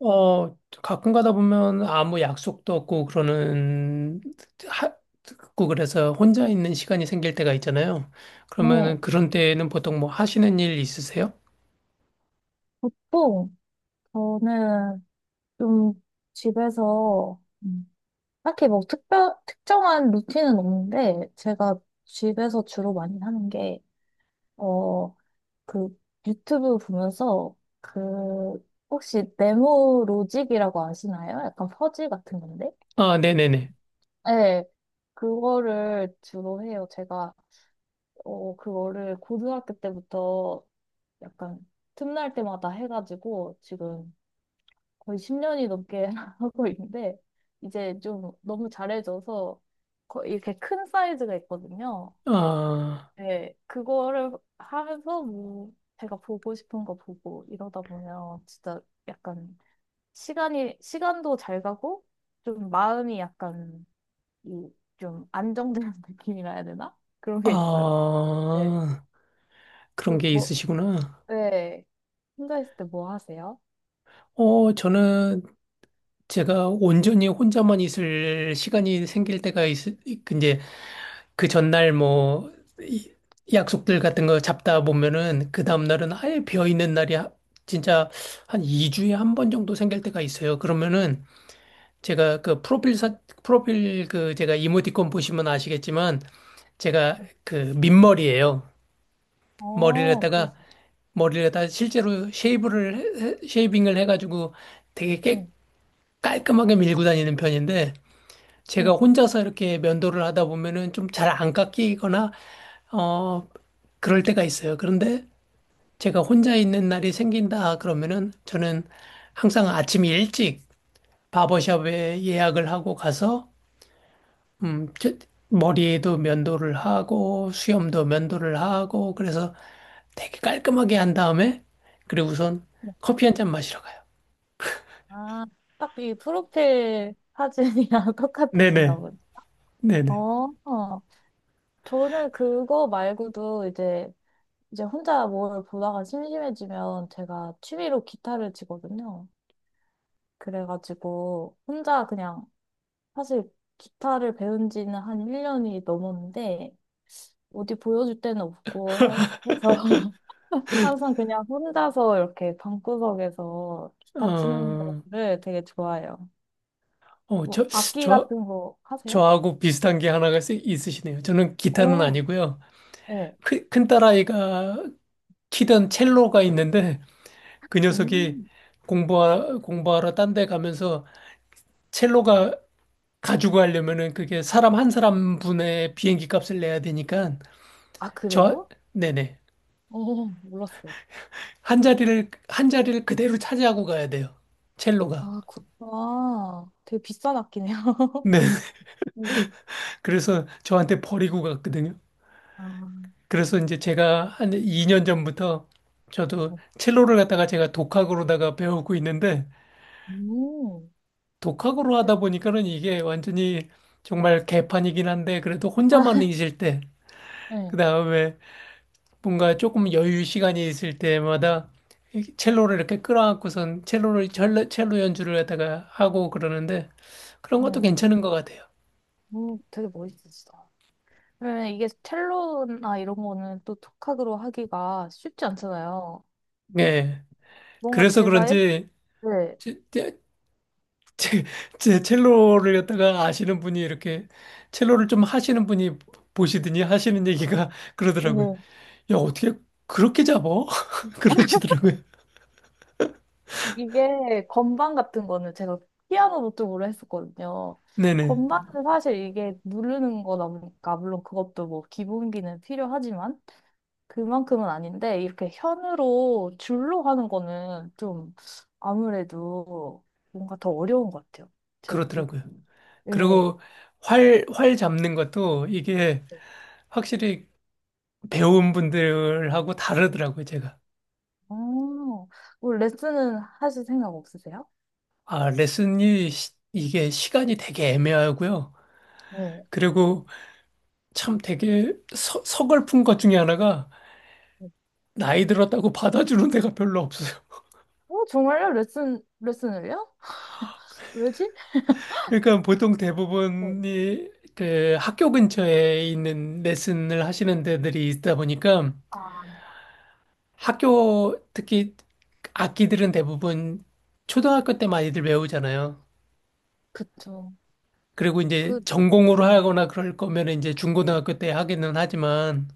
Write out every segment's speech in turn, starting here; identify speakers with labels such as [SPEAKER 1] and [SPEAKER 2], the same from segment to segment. [SPEAKER 1] 어, 가끔 가다 보면 아무 약속도 없고 그러는, 하, 고 그래서 혼자 있는 시간이 생길 때가 있잖아요.
[SPEAKER 2] 네,
[SPEAKER 1] 그러면은 그런 때에는 보통 뭐 하시는 일 있으세요?
[SPEAKER 2] 보통 저는 좀 집에서 딱히 뭐 특정한 루틴은 없는데 제가 집에서 주로 많이 하는 게, 어, 그 유튜브 보면서 그 혹시 네모 로직이라고 아시나요? 약간 퍼즐 같은 건데?
[SPEAKER 1] 아, 네네네.
[SPEAKER 2] 네, 그거를 주로 해요. 제가 어, 그거를 고등학교 때부터 약간 틈날 때마다 해가지고 지금 거의 10년이 넘게 하고 있는데 이제 좀 너무 잘해져서 이렇게 큰 사이즈가 있거든요.
[SPEAKER 1] 아,
[SPEAKER 2] 네, 그거를 하면서 뭐 제가 보고 싶은 거 보고 이러다 보면 진짜 약간 시간이 시간도 잘 가고 좀 마음이 약간 이 좀 안정되는 느낌이라 해야 되나? 그런 게 있어요. 네,
[SPEAKER 1] 아, 그런
[SPEAKER 2] 그
[SPEAKER 1] 게
[SPEAKER 2] 뭐,
[SPEAKER 1] 있으시구나.
[SPEAKER 2] 네, 혼자 있을 때 뭐 하세요?
[SPEAKER 1] 저는 제가 온전히 혼자만 있을 시간이 생길 때가 이제 그 전날 뭐 이- 약속들 같은 거 잡다 보면은 그 다음날은 아예 비어 있는 날이 진짜 한 2주에 한번 정도 생길 때가 있어요. 그러면은 제가 그 프로필 그 제가 이모티콘 보시면 아시겠지만 제가 그 민머리예요. 머리를
[SPEAKER 2] 어, 그,
[SPEAKER 1] 갖다가 머리를 갖다가 실제로 쉐이브를 쉐이빙을 해가지고 되게
[SPEAKER 2] 네,
[SPEAKER 1] 깔끔하게 밀고 다니는 편인데 제가
[SPEAKER 2] 네.
[SPEAKER 1] 혼자서 이렇게 면도를 하다 보면은 좀 잘 안 깎이거나, 어, 그럴 때가 있어요. 그런데 제가 혼자 있는 날이 생긴다 그러면은 저는 항상 아침 일찍 바버샵에 예약을 하고 가서, 음, 저- 머리에도 면도를 하고, 수염도 면도를 하고, 그래서 되게 깔끔하게 한 다음에, 그리고 우선 커피 한잔 마시러 가요.
[SPEAKER 2] 아, 딱 이 프로필 사진이랑 똑같으신가
[SPEAKER 1] 네네,
[SPEAKER 2] 보네. 어,
[SPEAKER 1] 네네.
[SPEAKER 2] 어. 저는 그거 말고도 이제 혼자 뭘 보다가 심심해지면 제가 취미로 기타를 치거든요. 그래가지고 혼자 그냥 사실 기타를 배운 지는 한 1년이 넘었는데 어디 보여줄 데는 없고 해서 항상 그냥 혼자서 이렇게 방구석에서 기타 치는
[SPEAKER 1] 어,
[SPEAKER 2] 거를 되게 좋아해요.
[SPEAKER 1] 어,
[SPEAKER 2] 뭐
[SPEAKER 1] 저,
[SPEAKER 2] 악기
[SPEAKER 1] 저,
[SPEAKER 2] 같은 거 하세요?
[SPEAKER 1] 저하고 비슷한 게 하나가 있으시네요. 저는 기타는
[SPEAKER 2] 어,
[SPEAKER 1] 아니고요.
[SPEAKER 2] 네.
[SPEAKER 1] 큰딸아이가 키던 첼로가 있는데 그 녀석이
[SPEAKER 2] 음.
[SPEAKER 1] 공부하러 딴 데 가면서 첼로가 가지고 가려면은 그게 사람 한 사람 분의 비행기 값을 내야 되니까
[SPEAKER 2] 아,
[SPEAKER 1] 저,
[SPEAKER 2] 그래요?
[SPEAKER 1] 네네.
[SPEAKER 2] 어, 몰랐어요.
[SPEAKER 1] 한 자리를 그대로 차지하고 가야 돼요. 첼로가.
[SPEAKER 2] 아, 되게 비싼 악기네요.
[SPEAKER 1] 네.
[SPEAKER 2] 음.
[SPEAKER 1] 그래서 저한테 버리고 갔거든요.
[SPEAKER 2] 아,
[SPEAKER 1] 그래서 이제 제가 한 2년 전부터 저도
[SPEAKER 2] 네.
[SPEAKER 1] 첼로를 갖다가 제가 독학으로다가 배우고 있는데
[SPEAKER 2] 음.
[SPEAKER 1] 독학으로
[SPEAKER 2] 그-
[SPEAKER 1] 하다 보니까는 이게 완전히 정말 개판이긴 한데 그래도 혼자만
[SPEAKER 2] 아,
[SPEAKER 1] 있을 때
[SPEAKER 2] 네,
[SPEAKER 1] 그다음에 뭔가 조금 여유 시간이 있을 때마다 이 첼로를 이렇게 끌어안고선 첼로 연주를 갖다가 하고 그러는데 그런 것도
[SPEAKER 2] 네.
[SPEAKER 1] 괜찮은 것 같아요.
[SPEAKER 2] 되게 멋있었어. 그러면 이게 첼로나 이런 거는 또 톡학으로 하기가 쉽지 않잖아요.
[SPEAKER 1] 예.
[SPEAKER 2] 뭔가
[SPEAKER 1] 그래서
[SPEAKER 2] 제가,
[SPEAKER 1] 그런지
[SPEAKER 2] 네.
[SPEAKER 1] 제, 제 첼로를 갖다가 아시는 분이 이렇게 첼로를 좀 하시는 분이 보시더니 하시는 얘기가 그러더라고요.
[SPEAKER 2] 네.
[SPEAKER 1] 야, 어떻게 그렇게 잡어? 그러시더라고요.
[SPEAKER 2] 이게 건반 같은 거는 제가 피아노 노트북으로 했었거든요.
[SPEAKER 1] 네네.
[SPEAKER 2] 건반은 사실 이게 누르는 거다 보니까 물론 그것도 뭐 기본기는 필요하지만 그만큼은 아닌데 이렇게 현으로 줄로 하는 거는 좀 아무래도 뭔가 더 어려운 것 같아요. 제 느끼기에.
[SPEAKER 1] 그렇더라고요.
[SPEAKER 2] 네.
[SPEAKER 1] 그리고 활 잡는 것도 이게 확실히 배운 분들하고 다르더라고요, 제가.
[SPEAKER 2] 어, 뭐 레슨은 하실 생각 없으세요?
[SPEAKER 1] 아, 레슨이 이게 시간이 되게 애매하고요.
[SPEAKER 2] 네.
[SPEAKER 1] 그리고 참 되게 서글픈 것 중에 하나가 나이 들었다고 받아주는 데가 별로 없어요.
[SPEAKER 2] 어, 정말요? 레슨을요? 왜지?
[SPEAKER 1] 그러니까 보통
[SPEAKER 2] 네.
[SPEAKER 1] 대부분이 그 학교 근처에 있는 레슨을 하시는 데들이 있다 보니까
[SPEAKER 2] 아,
[SPEAKER 1] 학교 특히 악기들은 대부분 초등학교 때 많이들 배우잖아요.
[SPEAKER 2] 그쵸.
[SPEAKER 1] 그리고 이제
[SPEAKER 2] 그,
[SPEAKER 1] 전공으로
[SPEAKER 2] 네.
[SPEAKER 1] 하거나 그럴 거면 이제 중고등학교 때 하기는 하지만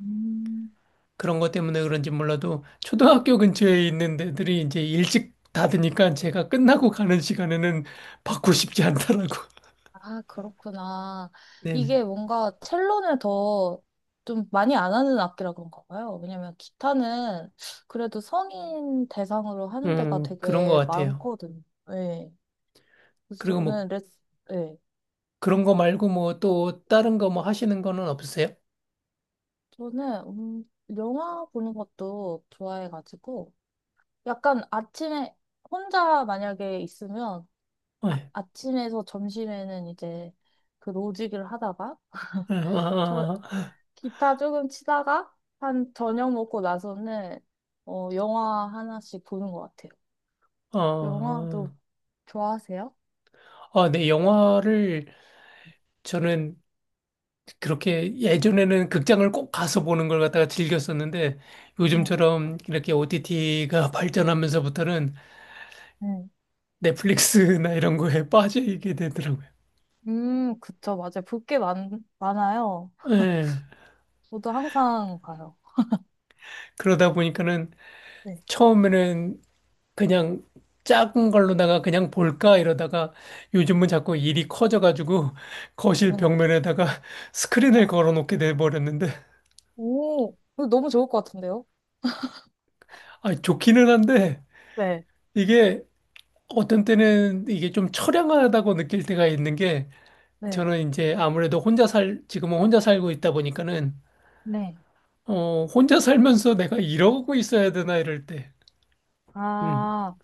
[SPEAKER 2] 음.
[SPEAKER 1] 그런 것 때문에 그런지 몰라도 초등학교 근처에 있는 데들이 이제 일찍 닫으니까 제가 끝나고 가는 시간에는 받고 싶지 않더라고.
[SPEAKER 2] 아, 그렇구나.
[SPEAKER 1] 네네.
[SPEAKER 2] 이게 뭔가 첼로는 더 좀 많이 안 하는 악기라 그런가 봐요. 왜냐면 기타는 그래도 성인 대상으로 하는 데가
[SPEAKER 1] 그런 것
[SPEAKER 2] 되게
[SPEAKER 1] 같아요.
[SPEAKER 2] 많거든요. 예. 그래서
[SPEAKER 1] 그리고 뭐
[SPEAKER 2] 저는 예.
[SPEAKER 1] 그런 거 말고 뭐 또 다른 거 뭐 하시는 거는 없으세요?
[SPEAKER 2] 저는, 영화 보는 것도 좋아해가지고 약간 아침에 혼자 만약에 있으면
[SPEAKER 1] 네.
[SPEAKER 2] 아침에서 점심에는 이제 그 로직을 하다가
[SPEAKER 1] 네.
[SPEAKER 2] 저
[SPEAKER 1] 아, 아,
[SPEAKER 2] 기타 조금 치다가 한 저녁 먹고 나서는 어, 영화 하나씩 보는 것 같아요.
[SPEAKER 1] 아, 어,
[SPEAKER 2] 영화도
[SPEAKER 1] 어.
[SPEAKER 2] 좋아하세요?
[SPEAKER 1] 아, 네, 영화를 저는 그렇게 예전에는 극장을 꼭 가서 보는 걸 갖다가 즐겼었는데
[SPEAKER 2] 네,
[SPEAKER 1] 요즘처럼 이렇게 OTT가 발전하면서부터는
[SPEAKER 2] 네,
[SPEAKER 1] 넷플릭스나 이런 거에 빠지게 되더라고요.
[SPEAKER 2] 그쵸, 맞아요. 볼 게 많아요.
[SPEAKER 1] 예.
[SPEAKER 2] 저도 항상 봐요.
[SPEAKER 1] 그러다 보니까는
[SPEAKER 2] 네.
[SPEAKER 1] 처음에는 그냥 작은 걸로다가 그냥 볼까 이러다가 요즘은 자꾸 일이 커져가지고 거실
[SPEAKER 2] 네,
[SPEAKER 1] 벽면에다가 스크린을 걸어놓게 돼버렸는데
[SPEAKER 2] 오, 이거 너무 좋을 것 같은데요?
[SPEAKER 1] 아 좋기는 한데
[SPEAKER 2] 네,
[SPEAKER 1] 이게 어떤 때는 이게 좀 처량하다고 느낄 때가 있는 게
[SPEAKER 2] 네.
[SPEAKER 1] 저는 이제 아무래도 혼자 살 지금은 혼자 살고 있다 보니까는
[SPEAKER 2] 네.
[SPEAKER 1] 어 혼자 살면서 내가 이러고 있어야 되나 이럴 때 음
[SPEAKER 2] 아,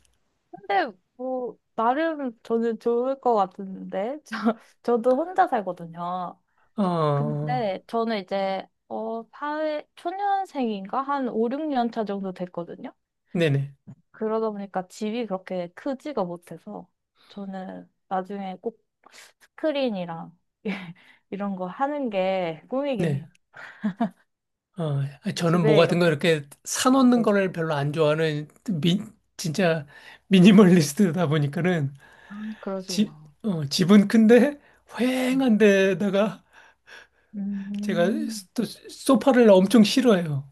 [SPEAKER 2] 근데 뭐, 나름 저는 좋을 것 같은데. 저도 혼자 살거든요.
[SPEAKER 1] 어
[SPEAKER 2] 근데 저는 이제 어, 사회 초년생인가 한 5, 6년 차 정도 됐거든요.
[SPEAKER 1] 네네
[SPEAKER 2] 그러다 보니까 집이 그렇게 크지가 못해서 저는 나중에 꼭 스크린이랑 이런 거 하는 게 꿈이긴
[SPEAKER 1] 네.
[SPEAKER 2] 해요.
[SPEAKER 1] 저는 뭐
[SPEAKER 2] 집에
[SPEAKER 1] 같은 거
[SPEAKER 2] 이렇게.
[SPEAKER 1] 이렇게 사놓는
[SPEAKER 2] 네.
[SPEAKER 1] 거를 별로 안 좋아하는 진짜 미니멀리스트다 보니까는
[SPEAKER 2] 아,
[SPEAKER 1] 집,
[SPEAKER 2] 그러시구나.
[SPEAKER 1] 집은 큰데
[SPEAKER 2] 음,
[SPEAKER 1] 휑한 데다가 제가
[SPEAKER 2] 음.
[SPEAKER 1] 또 소파를 엄청 싫어해요.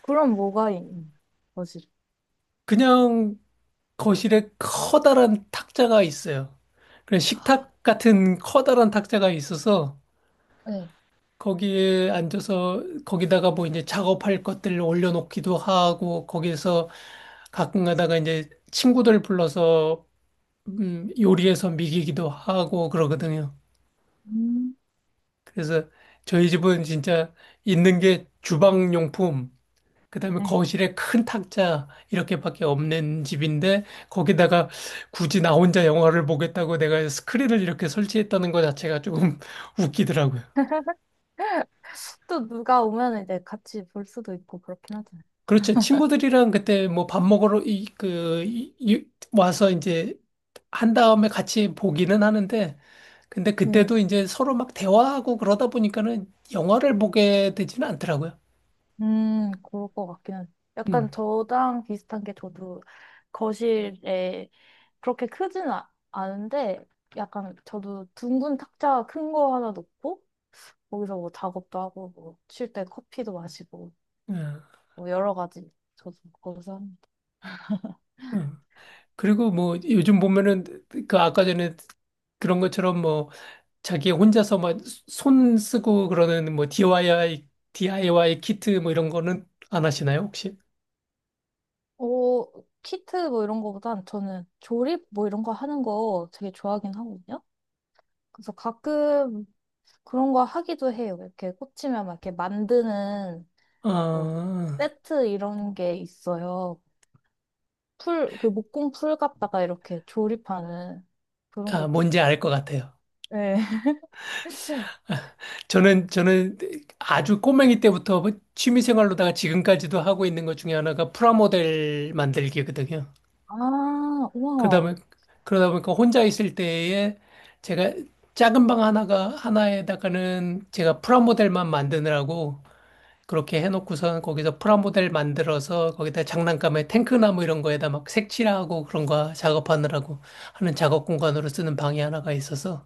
[SPEAKER 2] 그럼 뭐가 있는 거지?
[SPEAKER 1] 그냥 거실에 커다란 탁자가 있어요. 그런
[SPEAKER 2] 아,
[SPEAKER 1] 식탁 같은 커다란 탁자가 있어서
[SPEAKER 2] 네.
[SPEAKER 1] 거기에 앉아서 거기다가 뭐 이제 작업할 것들을 올려놓기도 하고 거기에서 가끔 가다가 이제 친구들 불러서 요리해서 미기기도 하고 그러거든요.
[SPEAKER 2] 음.
[SPEAKER 1] 그래서 저희 집은 진짜 있는 게 주방용품, 그다음에
[SPEAKER 2] 네.
[SPEAKER 1] 거실에 큰 탁자 이렇게밖에 없는 집인데 거기다가 굳이 나 혼자 영화를 보겠다고 내가 스크린을 이렇게 설치했다는 것 자체가 조금 웃기더라고요.
[SPEAKER 2] 또 누가 오면 이제 같이 볼 수도 있고 그렇긴
[SPEAKER 1] 그렇죠. 친구들이랑 그때 뭐 밥 먹으러 이, 그, 이, 이- 와서 이제 한 다음에 같이 보기는 하는데, 근데
[SPEAKER 2] 하잖아요.
[SPEAKER 1] 그때도 이제 서로 막 대화하고 그러다 보니까는 영화를 보게 되지는 않더라고요.
[SPEAKER 2] 그럴 것 같긴 한. 약간
[SPEAKER 1] 음,
[SPEAKER 2] 저랑 비슷한 게 저도 거실에 그렇게 크진 않은데 약간 저도 둥근 탁자 큰 거 하나 놓고 거기서 뭐 작업도 하고 뭐 쉴 때 커피도 마시고
[SPEAKER 1] 음,
[SPEAKER 2] 뭐 여러 가지 저도 거기서 합니다.
[SPEAKER 1] 음. 그리고 뭐 요즘 보면은 그 아까 전에 그런 것처럼 뭐 자기 혼자서 막 손 쓰고 그러는 뭐 DIY 키트 뭐 이런 거는 안 하시나요, 혹시?
[SPEAKER 2] 어, 키트 뭐 이런 거보단 저는 조립 뭐 이런 거 하는 거 되게 좋아하긴 하거든요. 그래서 가끔 그런 거 하기도 해요. 이렇게 꽂히면 막 이렇게 만드는 뭐
[SPEAKER 1] 아,
[SPEAKER 2] 세트 이런 게 있어요. 그 목공 풀 갖다가 이렇게 조립하는 그런
[SPEAKER 1] 아,
[SPEAKER 2] 것도.
[SPEAKER 1] 뭔지 알 것 같아요.
[SPEAKER 2] 네.
[SPEAKER 1] 저는 아주 꼬맹이 때부터 취미 생활로다가 지금까지도 하고 있는 것 중에 하나가 프라모델 만들기거든요.
[SPEAKER 2] 아,
[SPEAKER 1] 그러다
[SPEAKER 2] 우와.
[SPEAKER 1] 보니, 그러다 보니까 혼자 있을 때에 제가 작은 방 하나에다가는 제가 프라모델만 만드느라고 그렇게 해놓고선 거기서 프라모델 만들어서 거기다 장난감에 탱크나무 이런 거에다 막 색칠하고 그런 거 작업하느라고 하는 작업 공간으로 쓰는 방이 하나가 있어서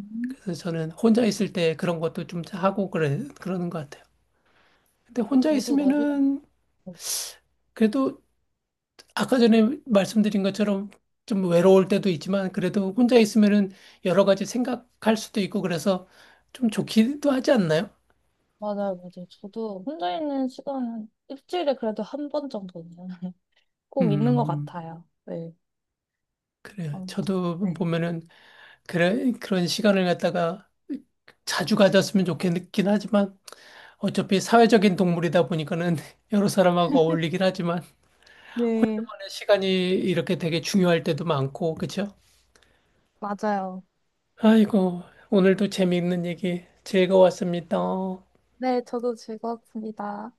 [SPEAKER 2] 음,
[SPEAKER 1] 그래서 저는 혼자 있을 때 그런 것도 좀 하고 그러는 것 같아요. 근데 혼자
[SPEAKER 2] 저도 나중에,
[SPEAKER 1] 있으면은 그래도 아까 전에 말씀드린 것처럼 좀 외로울 때도 있지만 그래도 혼자 있으면은 여러 가지 생각할 수도 있고 그래서 좀 좋기도 하지 않나요?
[SPEAKER 2] 맞아요, 맞아요. 저도 혼자 있는 시간은 일주일에 그래도 한 번 정도는 꼭 있는 것
[SPEAKER 1] 음,
[SPEAKER 2] 같아요. 네.
[SPEAKER 1] 그래요.
[SPEAKER 2] 아무튼,
[SPEAKER 1] 저도
[SPEAKER 2] 네.
[SPEAKER 1] 보면은 그래, 그런 시간을 갖다가 자주 가졌으면 좋겠긴 하지만 어차피 사회적인 동물이다 보니까는 여러 사람하고 어울리긴 하지만
[SPEAKER 2] 네,
[SPEAKER 1] 시간이 이렇게 되게 중요할 때도 많고, 그렇죠?
[SPEAKER 2] 맞아요.
[SPEAKER 1] 아이고, 오늘도 재미있는 얘기 즐거웠습니다.
[SPEAKER 2] 네, 저도 즐거웠습니다.